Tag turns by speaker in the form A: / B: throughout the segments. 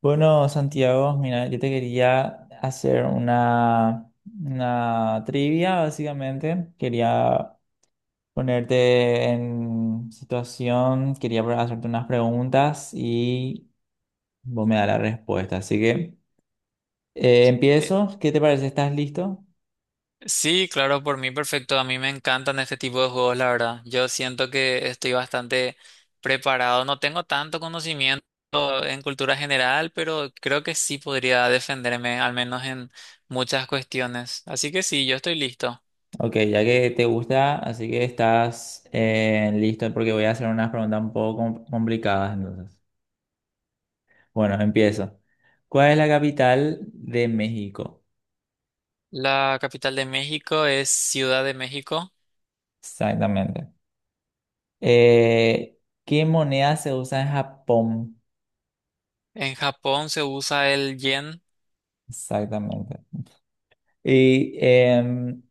A: Bueno, Santiago, mira, yo te quería hacer una trivia, básicamente. Quería ponerte en situación, quería hacerte unas preguntas y vos me das la respuesta. Así que
B: Eh,
A: empiezo. ¿Qué te parece? ¿Estás listo?
B: Sí, claro, por mí perfecto. A mí me encantan este tipo de juegos, la verdad. Yo siento que estoy bastante preparado. No tengo tanto conocimiento en cultura general, pero creo que sí podría defenderme, al menos en muchas cuestiones. Así que sí, yo estoy listo.
A: Ok, ya que te gusta, así que estás listo porque voy a hacer unas preguntas un poco complicadas entonces. Bueno, empiezo. ¿Cuál es la capital de México?
B: La capital de México es Ciudad de México.
A: Exactamente. Eh, ¿Qué moneda se usa en Japón?
B: En Japón se usa el yen.
A: Exactamente. Y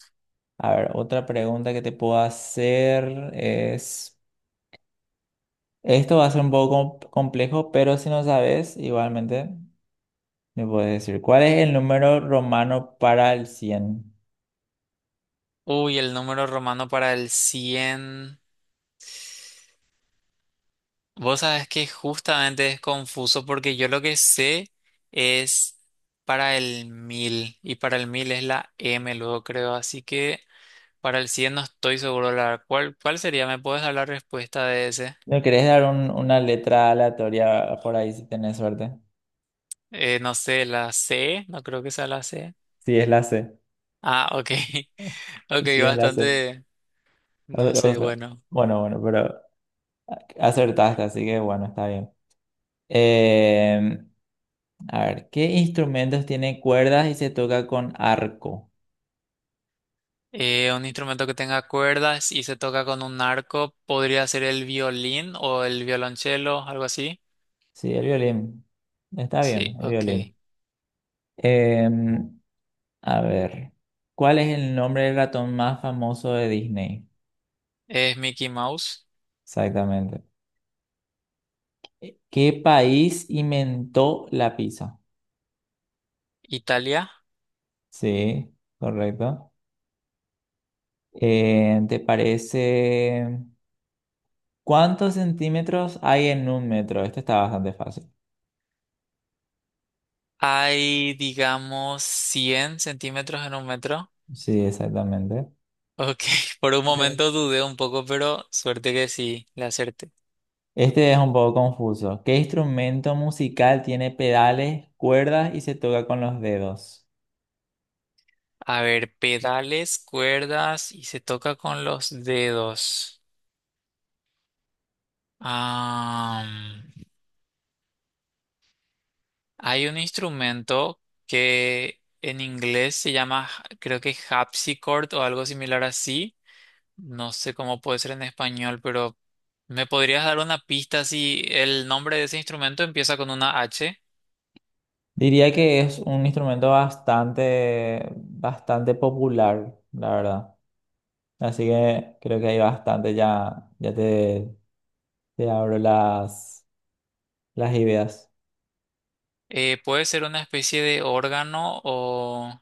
A: a ver, otra pregunta que te puedo hacer es, esto va a ser un poco complejo, pero si no sabes, igualmente me puedes decir, ¿cuál es el número romano para el cien?
B: Uy, el número romano para el 100. Vos sabés que justamente es confuso porque yo lo que sé es para el mil, y para el 1000 es la M luego creo, así que para el 100 no estoy seguro la cuál sería. ¿Me puedes dar la respuesta de ese?
A: ¿No querés dar una letra aleatoria por ahí si tenés suerte?
B: No sé, la C. No creo que sea la C.
A: Sí, es la C.
B: Ah, ok. Ok,
A: Sí, es la C.
B: bastante no
A: O
B: sé,
A: sea,
B: bueno.
A: bueno, pero acertaste, así que bueno, está bien. Eh, a ver, ¿qué instrumentos tienen cuerdas y se toca con arco?
B: Un instrumento que tenga cuerdas y se toca con un arco podría ser el violín o el violonchelo, algo así.
A: Sí, el violín. Está
B: Sí,
A: bien, el
B: ok.
A: violín. Eh, a ver, ¿cuál es el nombre del ratón más famoso de Disney?
B: Es Mickey Mouse.
A: Exactamente. ¿Qué país inventó la pizza?
B: Italia.
A: Sí, correcto. ¿Te parece? ¿Cuántos centímetros hay en un metro? Este está bastante fácil.
B: Hay, digamos, 100 centímetros en un metro.
A: Sí, exactamente.
B: Ok, por un momento dudé un poco, pero suerte que sí, le acerté.
A: Este es un poco confuso. ¿Qué instrumento musical tiene pedales, cuerdas y se toca con los dedos?
B: A ver, pedales, cuerdas y se toca con los dedos. Ah, hay un instrumento que en inglés se llama, creo, que harpsichord o algo similar así. No sé cómo puede ser en español, pero ¿me podrías dar una pista si el nombre de ese instrumento empieza con una H?
A: Diría que es un instrumento bastante popular, la verdad. Así que creo que hay bastante, ya te abro las ideas.
B: ¿puede ser una especie de órgano o...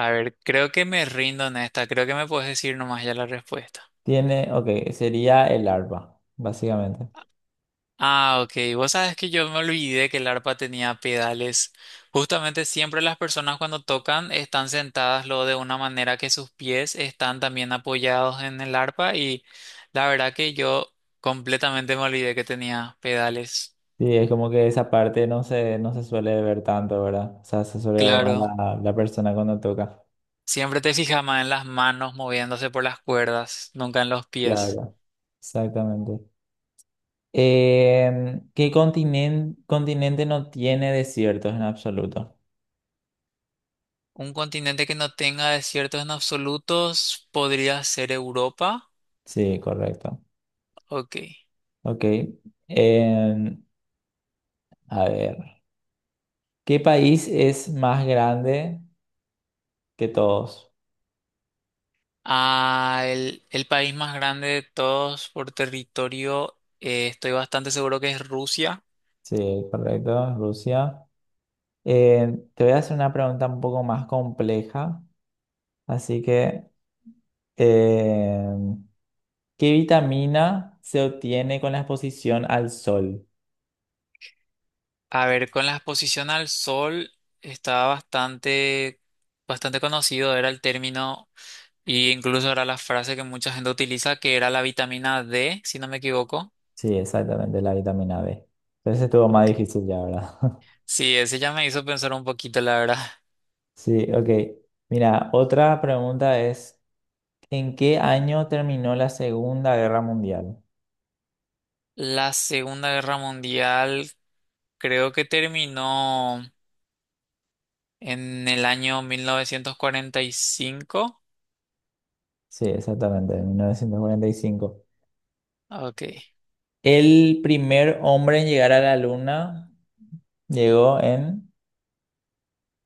B: A ver, creo que me rindo en esta, creo que me puedes decir nomás ya la respuesta.
A: Tiene, ok, sería el arpa, básicamente.
B: Ah, ok. Vos sabes que yo me olvidé que el arpa tenía pedales. Justamente siempre las personas cuando tocan están sentadas lo de una manera que sus pies están también apoyados en el arpa, y la verdad que yo completamente me olvidé que tenía pedales.
A: Sí, es como que esa parte no se suele ver tanto, ¿verdad? O sea, se suele ver más
B: Claro,
A: la persona cuando toca.
B: siempre te fijas más en las manos moviéndose por las cuerdas, nunca en los pies.
A: Claro. Exactamente. ¿Qué continente no tiene desiertos en absoluto?
B: Un continente que no tenga desiertos en absolutos podría ser Europa.
A: Sí, correcto.
B: Ok.
A: Ok. Em, a ver. ¿Qué país es más grande que todos?
B: Ah, el país más grande de todos por territorio, estoy bastante seguro que es Rusia.
A: Sí, correcto, Rusia. Em, te voy a hacer una pregunta un poco más compleja. Así que, em, ¿qué vitamina se obtiene con la exposición al sol?
B: A ver, con la exposición al sol estaba bastante conocido, era el término, y incluso era la frase que mucha gente utiliza, que era la vitamina D, si no me equivoco.
A: Sí, exactamente, la vitamina B. Pero ese estuvo más
B: Ok.
A: difícil ya, ¿verdad?
B: Sí, ese ya me hizo pensar un poquito, la verdad.
A: Sí, ok. Mira, otra pregunta es, ¿en qué año terminó la Segunda Guerra Mundial?
B: La Segunda Guerra Mundial creo que terminó en el año 1945.
A: Sí, exactamente, en 1945.
B: Ok.
A: El primer hombre en llegar a la Luna llegó en...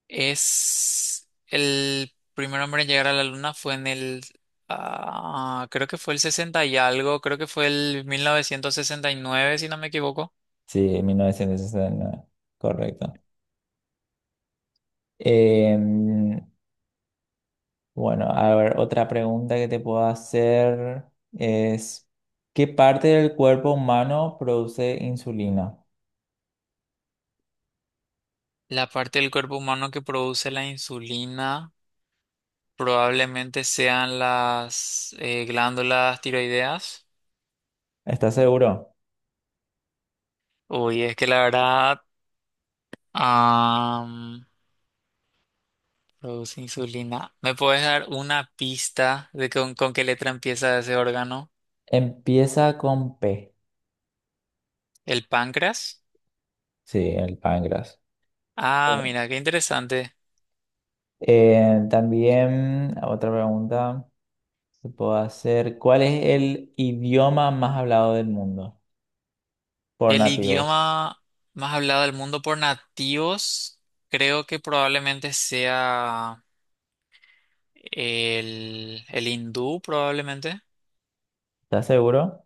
B: Es el primer hombre en llegar a la luna fue en el, ah, creo que fue el 60 y algo, creo que fue el 1969, si no me equivoco.
A: Sí, en 1969, correcto. Em, bueno, a ver, otra pregunta que te puedo hacer es, ¿qué parte del cuerpo humano produce insulina?
B: La parte del cuerpo humano que produce la insulina probablemente sean las glándulas tiroideas.
A: ¿Estás seguro?
B: Uy, es que la verdad, am, produce insulina. ¿Me puedes dar una pista de con qué letra empieza ese órgano?
A: Empieza con P.
B: ¿El páncreas?
A: Sí, el páncreas.
B: Ah, mira, qué interesante.
A: También otra pregunta que puedo hacer. ¿Cuál es el idioma más hablado del mundo por
B: El
A: nativos?
B: idioma más hablado del mundo por nativos, creo que probablemente sea el hindú, probablemente.
A: ¿Estás seguro?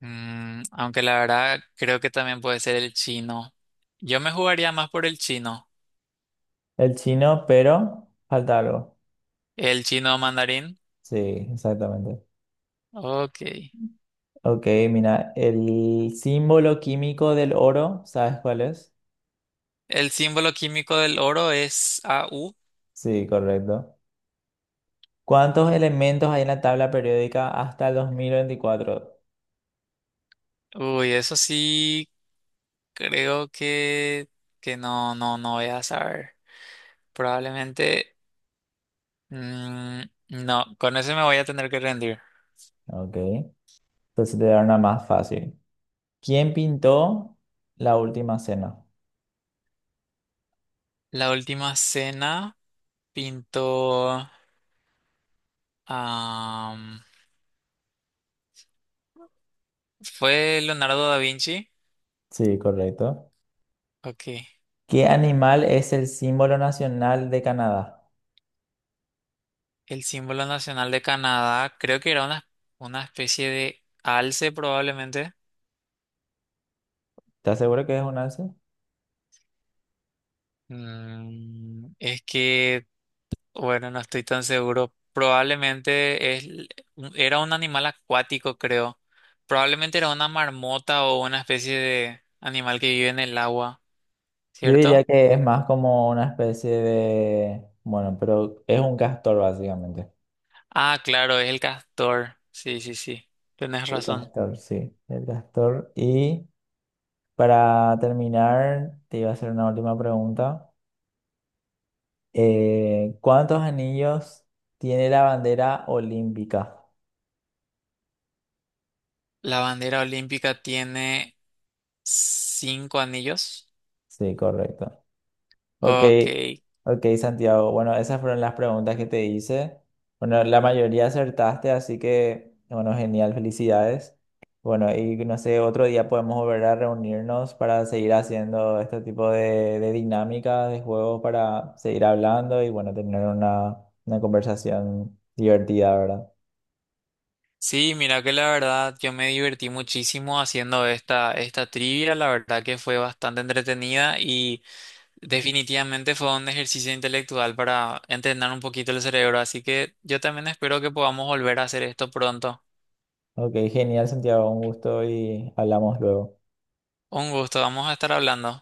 B: Mm, aunque la verdad creo que también puede ser el chino. Yo me jugaría más por el chino.
A: El chino, pero falta algo.
B: El chino mandarín.
A: Sí, exactamente.
B: Ok.
A: Ok, mira, el símbolo químico del oro, ¿sabes cuál es?
B: El símbolo químico del oro es AU.
A: Sí, correcto. ¿Cuántos elementos hay en la tabla periódica hasta el 2024?
B: Uy, eso sí, creo que no voy a saber. Probablemente. Mm, no, con ese me voy a tener que rendir.
A: Ok, entonces te dará una más fácil. ¿Quién pintó la última cena?
B: La última cena pintó... am, fue Leonardo da Vinci.
A: Sí, correcto.
B: Ok.
A: ¿Qué animal es el símbolo nacional de Canadá?
B: El símbolo nacional de Canadá. Creo que era una especie de alce probablemente.
A: ¿Estás seguro que es un alce?
B: Mm, es que, bueno, no estoy tan seguro. Probablemente es, era un animal acuático, creo. Probablemente era una marmota o una especie de animal que vive en el agua,
A: Yo diría
B: ¿cierto?
A: que es más como una especie de... Bueno, pero es un castor básicamente.
B: Ah, claro, es el castor. Sí, sí, sí. Tienes
A: El
B: razón.
A: castor, sí, el castor. Y para terminar, te iba a hacer una última pregunta. ¿Cuántos anillos tiene la bandera olímpica?
B: La bandera olímpica tiene cinco anillos.
A: Sí, correcto. Ok,
B: Ok.
A: ok, Santiago. Bueno, esas fueron las preguntas que te hice. Bueno, la mayoría acertaste, así que, bueno, genial, felicidades. Bueno, y no sé, otro día podemos volver a reunirnos para seguir haciendo este tipo de dinámicas, de juegos, para seguir hablando y, bueno, tener una conversación divertida, ¿verdad?
B: Sí, mira que la verdad yo me divertí muchísimo haciendo esta trivia. La verdad que fue bastante entretenida y definitivamente fue un ejercicio intelectual para entrenar un poquito el cerebro. Así que yo también espero que podamos volver a hacer esto pronto.
A: Ok, genial, Santiago, un gusto y hablamos luego.
B: Un gusto, vamos a estar hablando.